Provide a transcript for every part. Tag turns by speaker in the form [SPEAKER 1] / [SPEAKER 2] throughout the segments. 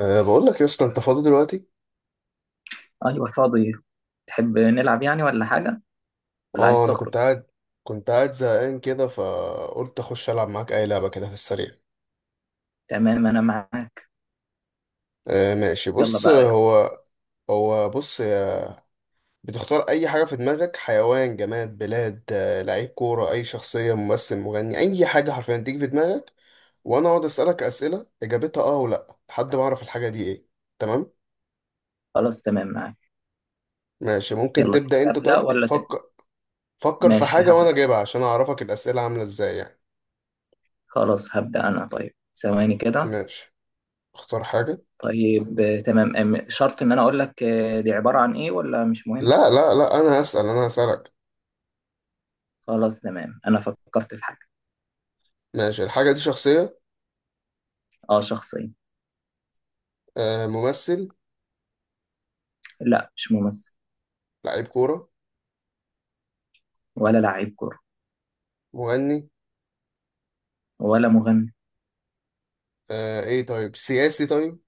[SPEAKER 1] بقول لك يا اسطى انت فاضي دلوقتي.
[SPEAKER 2] ايوه، فاضي. تحب نلعب يعني ولا حاجه، ولا عايز
[SPEAKER 1] اه انا
[SPEAKER 2] تخرج؟
[SPEAKER 1] كنت قاعد زهقان كده، فقلت اخش العب معاك اي لعبه كده في السريع.
[SPEAKER 2] تمام انا معاك.
[SPEAKER 1] أه، ماشي،
[SPEAKER 2] يلا
[SPEAKER 1] بص،
[SPEAKER 2] بقى.
[SPEAKER 1] هو بص يا- بتختار اي حاجه في دماغك، حيوان، جماد، بلاد، لعيب كوره، اي شخصيه، ممثل، مغني، اي حاجه حرفيا تيجي في دماغك، وانا اقعد اسالك اسئله اجابتها اه ولا، لحد ما اعرف الحاجه دي ايه. تمام.
[SPEAKER 2] خلاص تمام معاك.
[SPEAKER 1] ماشي، ممكن
[SPEAKER 2] يلا، تحب
[SPEAKER 1] تبدا انت،
[SPEAKER 2] ابدا
[SPEAKER 1] طب
[SPEAKER 2] ولا تبدا؟
[SPEAKER 1] فكر. فكر في
[SPEAKER 2] ماشي،
[SPEAKER 1] حاجه وانا
[SPEAKER 2] هبدا.
[SPEAKER 1] جايبها عشان اعرفك الاسئله عامله ازاي يعني.
[SPEAKER 2] خلاص هبدا انا، طيب ثواني كده.
[SPEAKER 1] ماشي. اختار حاجه.
[SPEAKER 2] طيب تمام. شرط ان انا اقول لك دي عباره عن ايه ولا مش مهم؟
[SPEAKER 1] لا لا لا، انا هسألك.
[SPEAKER 2] خلاص تمام، انا فكرت في حاجه.
[SPEAKER 1] ماشي، الحاجة دي شخصية.
[SPEAKER 2] اه، شخصيه.
[SPEAKER 1] آه، ممثل.
[SPEAKER 2] لا مش ممثل.
[SPEAKER 1] لعيب كورة.
[SPEAKER 2] ولا لعيب كوره.
[SPEAKER 1] مغني.
[SPEAKER 2] ولا مغني.
[SPEAKER 1] آه، ايه، طيب سياسي طيب.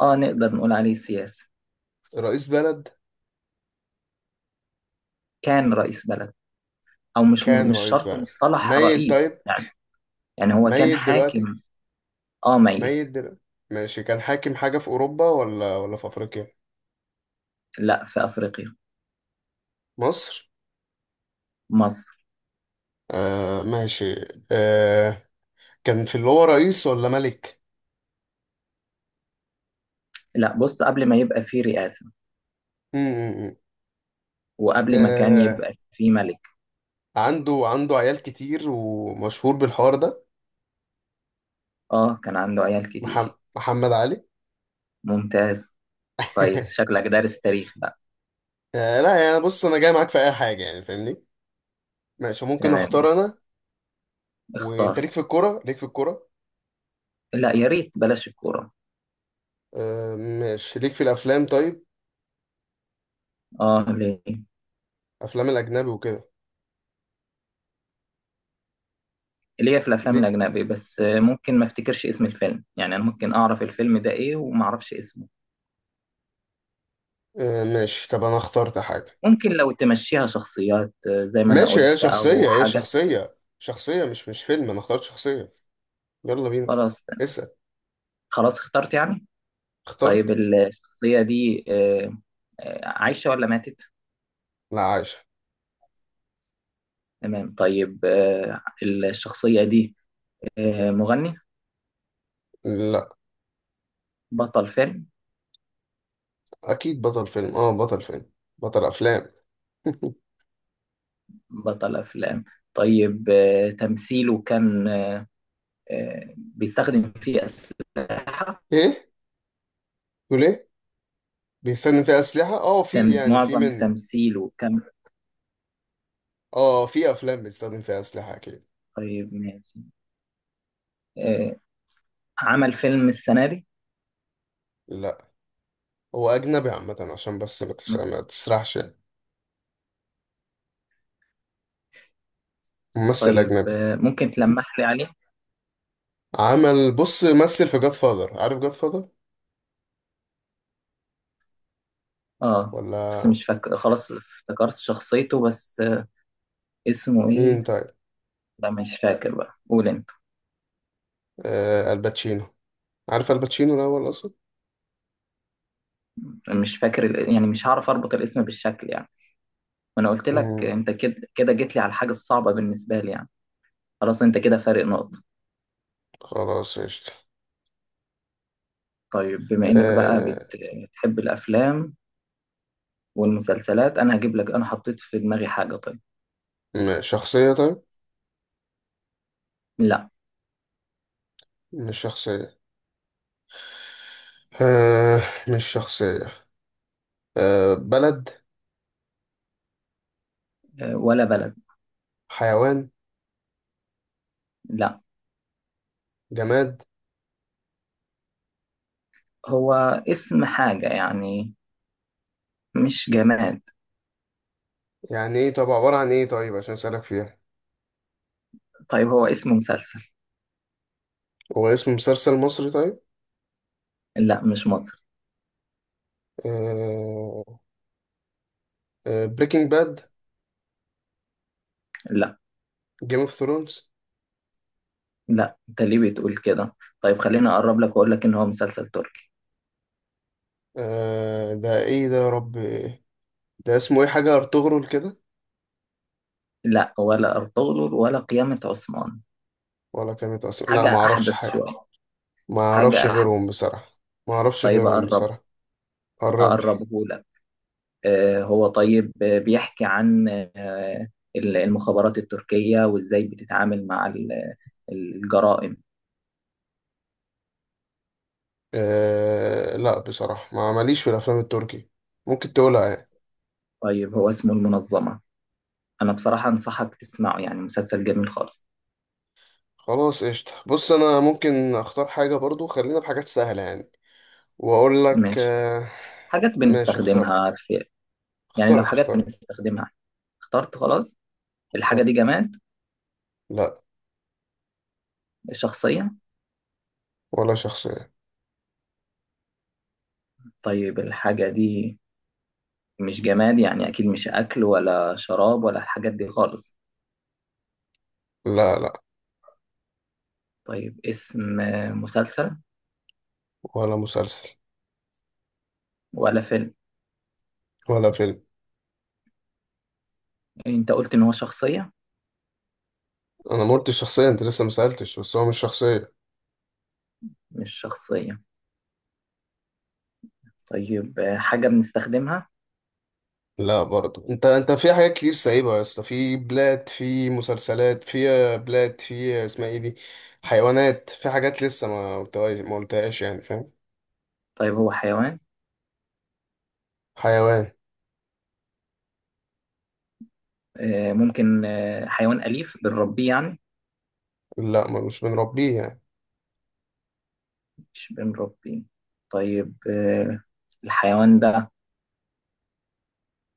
[SPEAKER 2] اه، نقدر نقول عليه سياسي.
[SPEAKER 1] رئيس بلد.
[SPEAKER 2] كان رئيس بلد. او مش
[SPEAKER 1] كان
[SPEAKER 2] مش
[SPEAKER 1] رئيس
[SPEAKER 2] شرط
[SPEAKER 1] بلد.
[SPEAKER 2] مصطلح
[SPEAKER 1] ميت
[SPEAKER 2] رئيس
[SPEAKER 1] طيب.
[SPEAKER 2] يعني. يعني هو كان
[SPEAKER 1] ميت دلوقتي.
[SPEAKER 2] حاكم. اه ميت.
[SPEAKER 1] ميت دلوقتي. ماشي، كان حاكم حاجة في أوروبا ولا في أفريقيا.
[SPEAKER 2] لا، في أفريقيا.
[SPEAKER 1] مصر.
[SPEAKER 2] مصر.
[SPEAKER 1] آه ماشي. آه. كان في اللي هو رئيس ولا ملك.
[SPEAKER 2] لا بص، قبل ما يبقى فيه رئاسة.
[SPEAKER 1] م- م- م.
[SPEAKER 2] وقبل ما كان
[SPEAKER 1] آه،
[SPEAKER 2] يبقى فيه ملك.
[SPEAKER 1] عنده عيال كتير، ومشهور بالحوار ده.
[SPEAKER 2] اه، كان عنده عيال
[SPEAKER 1] محم-
[SPEAKER 2] كتير.
[SPEAKER 1] محمد علي.
[SPEAKER 2] ممتاز. كويس، شكلك دارس تاريخ بقى.
[SPEAKER 1] آه لا، يعني بص انا جاي معاك في اي حاجه يعني، فاهمني. ماشي، ممكن
[SPEAKER 2] تمام
[SPEAKER 1] اختار
[SPEAKER 2] ماشي.
[SPEAKER 1] انا. وانت ليك
[SPEAKER 2] اختار.
[SPEAKER 1] في الكوره ليك في الكوره
[SPEAKER 2] لا يا ريت بلاش الكورة.
[SPEAKER 1] آه ماشي، ليك في الافلام طيب.
[SPEAKER 2] اه، ليه؟
[SPEAKER 1] افلام الاجنبي وكده.
[SPEAKER 2] ليه في الأفلام
[SPEAKER 1] ليك.
[SPEAKER 2] الأجنبي، بس ممكن ما افتكرش اسم الفيلم يعني. أنا ممكن أعرف الفيلم ده إيه وما أعرفش اسمه.
[SPEAKER 1] آه ماشي، طب انا اخترت حاجه.
[SPEAKER 2] ممكن لو تمشيها شخصيات زي ما أنا
[SPEAKER 1] ماشي، هي
[SPEAKER 2] قلت، أو
[SPEAKER 1] شخصيه هي
[SPEAKER 2] حاجات.
[SPEAKER 1] شخصيه شخصيه مش فيلم، انا اخترت شخصيه. يلا بينا.
[SPEAKER 2] خلاص
[SPEAKER 1] اسال.
[SPEAKER 2] خلاص اخترت يعني. طيب
[SPEAKER 1] اخترت.
[SPEAKER 2] الشخصية دي عايشة ولا ماتت؟
[SPEAKER 1] لا عايشه.
[SPEAKER 2] تمام طيب الشخصية دي مغني.
[SPEAKER 1] لا.
[SPEAKER 2] بطل فيلم.
[SPEAKER 1] اكيد بطل فيلم، اه، بطل فيلم. بطل افلام.
[SPEAKER 2] بطل أفلام. طيب تمثيله كان بيستخدم فيه أسلحة.
[SPEAKER 1] ايه؟ تقول ايه؟ بيستخدم فيها اسلحه، اه، في
[SPEAKER 2] تم
[SPEAKER 1] يعني، في
[SPEAKER 2] معظم
[SPEAKER 1] منه.
[SPEAKER 2] تمثيله كان.
[SPEAKER 1] اه، في افلام بيستخدم فيها اسلحه اكيد.
[SPEAKER 2] طيب ماشي. آه، عمل فيلم السنة دي.
[SPEAKER 1] لا، هو أجنبي عامة عشان بس ما تسرحش يعني. ممثل
[SPEAKER 2] طيب
[SPEAKER 1] أجنبي.
[SPEAKER 2] ممكن تلمح لي عليه؟
[SPEAKER 1] عمل بص مثل في جاد فاذر، عارف جاد فاذر
[SPEAKER 2] اه، بس
[SPEAKER 1] ولا.
[SPEAKER 2] مش فاكر. خلاص افتكرت شخصيته، بس اسمه ايه؟
[SPEAKER 1] مين طيب.
[SPEAKER 2] لا مش فاكر بقى، قول انت.
[SPEAKER 1] آه، الباتشينو. عارف الباتشينو الأول أصلا.
[SPEAKER 2] مش فاكر يعني مش هعرف اربط الاسم بالشكل يعني. وانا قلت لك
[SPEAKER 1] مم.
[SPEAKER 2] انت كده كده جيت لي على الحاجه الصعبه بالنسبه لي يعني. خلاص، انت كده فارق نقطه.
[SPEAKER 1] خلاص قشطة.
[SPEAKER 2] طيب بما انك بقى
[SPEAKER 1] آه،
[SPEAKER 2] بتحب الافلام والمسلسلات. انا هجيب لك، انا حطيت في دماغي حاجه. طيب.
[SPEAKER 1] شخصية طيب.
[SPEAKER 2] لا.
[SPEAKER 1] مش شخصية. آه مش شخصية. آه بلد.
[SPEAKER 2] ولا بلد.
[SPEAKER 1] حيوان.
[SPEAKER 2] لا.
[SPEAKER 1] جماد.
[SPEAKER 2] هو اسم حاجه يعني، مش جماد.
[SPEAKER 1] يعني ايه؟ طب عبارة عن ايه طيب عشان أسألك فيها.
[SPEAKER 2] طيب هو اسم مسلسل.
[SPEAKER 1] هو اسم مسلسل مصري طيب.
[SPEAKER 2] لا مش مصري.
[SPEAKER 1] آه. آه، بريكنج باد.
[SPEAKER 2] لا
[SPEAKER 1] جيم اوف ثرونز.
[SPEAKER 2] لا، انت ليه بتقول كده؟ طيب خليني اقرب لك واقول لك ان هو مسلسل تركي.
[SPEAKER 1] آه، ده ايه ده يا رب إيه؟ ده اسمه ايه، حاجة ارطغرل كده.
[SPEAKER 2] لا، ولا ارطغرل ولا قيامة عثمان.
[SPEAKER 1] ولا كانت اصلا، لا
[SPEAKER 2] حاجة
[SPEAKER 1] ما اعرفش
[SPEAKER 2] أحدث
[SPEAKER 1] حاجة.
[SPEAKER 2] شوية.
[SPEAKER 1] ما اعرفش
[SPEAKER 2] حاجة أحدث.
[SPEAKER 1] غيرهم بصراحة. ما اعرفش
[SPEAKER 2] طيب
[SPEAKER 1] غيرهم
[SPEAKER 2] أقرب.
[SPEAKER 1] بصراحة. قرب لي.
[SPEAKER 2] أقربه لك. هو طيب بيحكي عن آه، المخابرات التركية وإزاي بتتعامل مع الجرائم.
[SPEAKER 1] آه لا، بصراحة ما ماليش في الافلام التركي. ممكن تقولها يعني.
[SPEAKER 2] طيب هو اسمه المنظمة. أنا بصراحة أنصحك تسمعه، يعني مسلسل جميل خالص.
[SPEAKER 1] خلاص قشطة، بص انا ممكن اختار حاجة برضو، خلينا بحاجات سهلة يعني، واقول لك
[SPEAKER 2] ماشي.
[SPEAKER 1] آه
[SPEAKER 2] حاجات
[SPEAKER 1] ماشي، اخترت.
[SPEAKER 2] بنستخدمها في، يعني لو
[SPEAKER 1] اخترت.
[SPEAKER 2] حاجات
[SPEAKER 1] اخترت.
[SPEAKER 2] بنستخدمها. اخترت خلاص. الحاجة
[SPEAKER 1] اخترت.
[SPEAKER 2] دي جماد.
[SPEAKER 1] لا.
[SPEAKER 2] الشخصية.
[SPEAKER 1] ولا شخصية.
[SPEAKER 2] طيب الحاجة دي مش جماد، يعني أكيد مش أكل ولا شراب ولا الحاجات دي خالص.
[SPEAKER 1] لا. لا.
[SPEAKER 2] طيب اسم مسلسل
[SPEAKER 1] ولا مسلسل.
[SPEAKER 2] ولا فيلم؟
[SPEAKER 1] ولا فيلم.
[SPEAKER 2] انت قلت ان هو شخصية.
[SPEAKER 1] انا ما قلتش شخصيه، انت لسه ما سالتش، بس هو مش شخصيه.
[SPEAKER 2] مش شخصية. طيب حاجة بنستخدمها.
[SPEAKER 1] لا برضه، انت في حاجات كتير سايبها يا اسطى، في بلاد، في مسلسلات، في بلاد، في اسمها ايه دي، حيوانات، في حاجات لسه ما قلتهاش يعني، فاهم.
[SPEAKER 2] طيب هو حيوان.
[SPEAKER 1] حيوان.
[SPEAKER 2] ممكن حيوان أليف بنربيه يعني.
[SPEAKER 1] لا، ما مش بنربيه يعني.
[SPEAKER 2] مش بنربيه. طيب الحيوان ده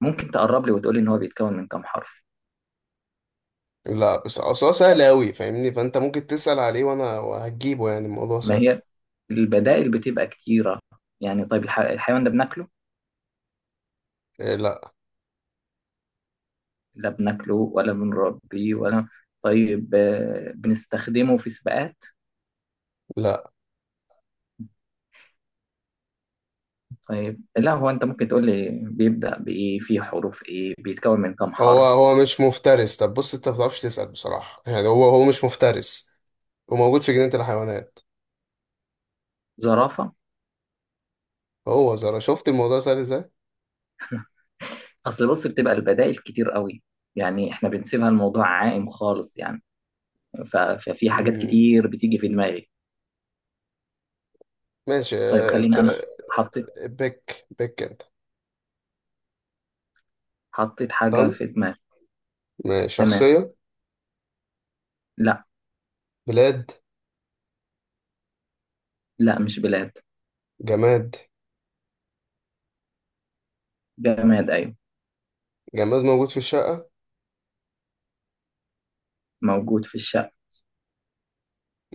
[SPEAKER 2] ممكن تقرب لي وتقول لي ان هو بيتكون من كام حرف.
[SPEAKER 1] لا، بس اصل هو سهل قوي فاهمني، فانت ممكن تسال عليه وانا هجيبه يعني، الموضوع
[SPEAKER 2] ما
[SPEAKER 1] سهل.
[SPEAKER 2] هي البدائل بتبقى كتيرة. يعني طيب الحيوان ده بناكله؟
[SPEAKER 1] إيه، لا.
[SPEAKER 2] لا بناكله ولا بنربيه ولا. طيب بنستخدمه في سباقات؟
[SPEAKER 1] لا.
[SPEAKER 2] طيب لا. هو انت ممكن تقول لي بيبدأ بإيه، فيه حروف إيه، بيتكون من كام
[SPEAKER 1] هو
[SPEAKER 2] حرف.
[SPEAKER 1] هو مش مفترس. طب بص انت ما بتعرفش تسال بصراحه يعني، هو مش مفترس، وموجود في جنينه الحيوانات.
[SPEAKER 2] زرافة.
[SPEAKER 1] هو زرا شفت الموضوع سهل ازاي.
[SPEAKER 2] أصل بص بتبقى البدائل كتير قوي. يعني احنا بنسيبها الموضوع عائم خالص يعني. ففي حاجات
[SPEAKER 1] مم.
[SPEAKER 2] كتير بتيجي في دماغي.
[SPEAKER 1] ماشي،
[SPEAKER 2] طيب خليني أنا ماشي، حطيت
[SPEAKER 1] بك انت.
[SPEAKER 2] حاجة
[SPEAKER 1] طن.
[SPEAKER 2] في دماغي.
[SPEAKER 1] ماشي.
[SPEAKER 2] تمام.
[SPEAKER 1] شخصية.
[SPEAKER 2] لا.
[SPEAKER 1] بلاد.
[SPEAKER 2] لا مش بلاد.
[SPEAKER 1] جماد.
[SPEAKER 2] جماد أيوه.
[SPEAKER 1] جماد موجود في الشقة.
[SPEAKER 2] موجود في الشقة.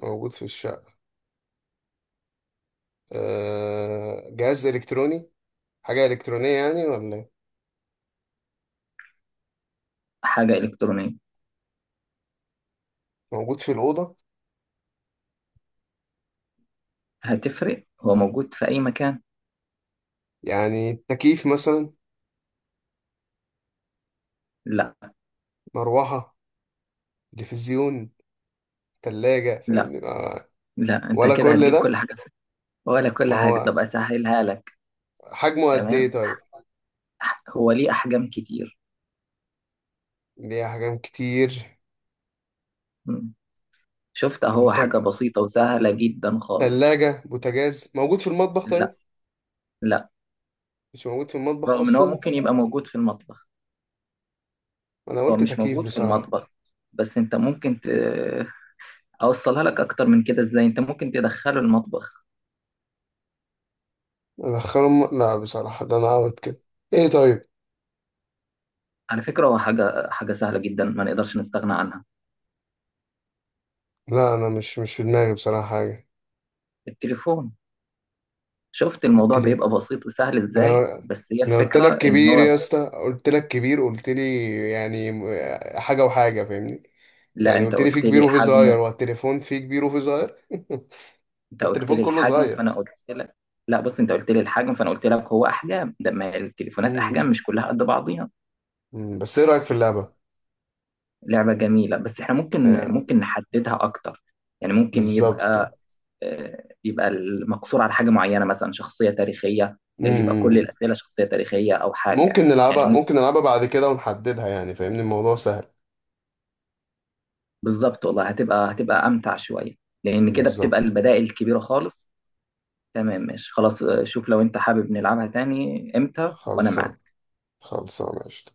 [SPEAKER 1] موجود في الشقة. جهاز إلكتروني. حاجة إلكترونية يعني ولا إيه؟
[SPEAKER 2] حاجة إلكترونية.
[SPEAKER 1] موجود في الأوضة.
[SPEAKER 2] هتفرق هو موجود في أي مكان.
[SPEAKER 1] يعني تكييف مثلا.
[SPEAKER 2] لا.
[SPEAKER 1] مروحة. تلفزيون. تلاجة
[SPEAKER 2] لا
[SPEAKER 1] فاهمني.
[SPEAKER 2] لا، انت
[SPEAKER 1] ولا
[SPEAKER 2] كده
[SPEAKER 1] كل
[SPEAKER 2] هتجيب
[SPEAKER 1] ده.
[SPEAKER 2] كل حاجة. ولا كل
[SPEAKER 1] ما
[SPEAKER 2] حاجة.
[SPEAKER 1] هو
[SPEAKER 2] طب أسهلها لك.
[SPEAKER 1] حجمه قد إيه
[SPEAKER 2] تمام.
[SPEAKER 1] طيب.
[SPEAKER 2] هو ليه أحجام كتير.
[SPEAKER 1] ليه أحجام كتير.
[SPEAKER 2] مم. شفت أهو،
[SPEAKER 1] بوتاج
[SPEAKER 2] حاجة بسيطة وسهلة جدا خالص.
[SPEAKER 1] تلاجة، بوتاجاز موجود في المطبخ
[SPEAKER 2] لا.
[SPEAKER 1] طيب.
[SPEAKER 2] لا،
[SPEAKER 1] مش موجود في المطبخ
[SPEAKER 2] رغم إن هو
[SPEAKER 1] أصلا.
[SPEAKER 2] ممكن يبقى موجود في المطبخ،
[SPEAKER 1] انا
[SPEAKER 2] هو
[SPEAKER 1] قلت
[SPEAKER 2] مش
[SPEAKER 1] تكييف
[SPEAKER 2] موجود في
[SPEAKER 1] بصراحة.
[SPEAKER 2] المطبخ. بس أنت ممكن أوصلها لك أكتر من كده إزاي أنت ممكن تدخله المطبخ.
[SPEAKER 1] ادخلهم، لا بصراحة ده انا اوت كده. ايه طيب.
[SPEAKER 2] على فكرة هو حاجة حاجة سهلة جدا ما نقدرش نستغنى عنها.
[SPEAKER 1] لا انا مش في دماغي بصراحة حاجة.
[SPEAKER 2] التليفون. شفت
[SPEAKER 1] قلت
[SPEAKER 2] الموضوع
[SPEAKER 1] ليه.
[SPEAKER 2] بيبقى بسيط وسهل
[SPEAKER 1] انا
[SPEAKER 2] إزاي، بس هي
[SPEAKER 1] انا قلت
[SPEAKER 2] الفكرة
[SPEAKER 1] لك
[SPEAKER 2] إن
[SPEAKER 1] كبير
[SPEAKER 2] هو.
[SPEAKER 1] يا اسطى، قلت لك كبير، قلت لي يعني حاجة وحاجة فاهمني،
[SPEAKER 2] لا
[SPEAKER 1] يعني
[SPEAKER 2] أنت
[SPEAKER 1] قلت لي في
[SPEAKER 2] قلت
[SPEAKER 1] كبير
[SPEAKER 2] لي
[SPEAKER 1] وفي صغير،
[SPEAKER 2] حجمه.
[SPEAKER 1] والتليفون في كبير وفي صغير.
[SPEAKER 2] انت قلت
[SPEAKER 1] التليفون
[SPEAKER 2] لي
[SPEAKER 1] كله
[SPEAKER 2] الحجم،
[SPEAKER 1] صغير.
[SPEAKER 2] فانا قلت لك. لا بص، انت قلت لي الحجم فانا قلت لك هو احجام، ده ما التليفونات
[SPEAKER 1] امم
[SPEAKER 2] احجام مش كلها قد بعضيها.
[SPEAKER 1] أمم. بس ايه رأيك في اللعبة؟
[SPEAKER 2] لعبة جميلة، بس احنا ممكن
[SPEAKER 1] آه،
[SPEAKER 2] ممكن نحددها اكتر. يعني ممكن
[SPEAKER 1] بالظبط.
[SPEAKER 2] يبقى يبقى المقصور على حاجة معينة، مثلا شخصية تاريخية. يبقى كل
[SPEAKER 1] امم
[SPEAKER 2] الأسئلة شخصية تاريخية او حاجة
[SPEAKER 1] ممكن
[SPEAKER 2] يعني. يعني
[SPEAKER 1] نلعبها ممكن
[SPEAKER 2] ممكن.
[SPEAKER 1] نلعبها بعد كده ونحددها يعني فاهمني الموضوع سهل.
[SPEAKER 2] بالظبط والله، هتبقى امتع شوية، لان كده بتبقى
[SPEAKER 1] بالظبط.
[SPEAKER 2] البدائل كبيرة خالص. تمام ماشي خلاص، شوف لو انت حابب نلعبها تاني امتى، وانا
[SPEAKER 1] خلصان.
[SPEAKER 2] معاك.
[SPEAKER 1] خلصانة قشطة.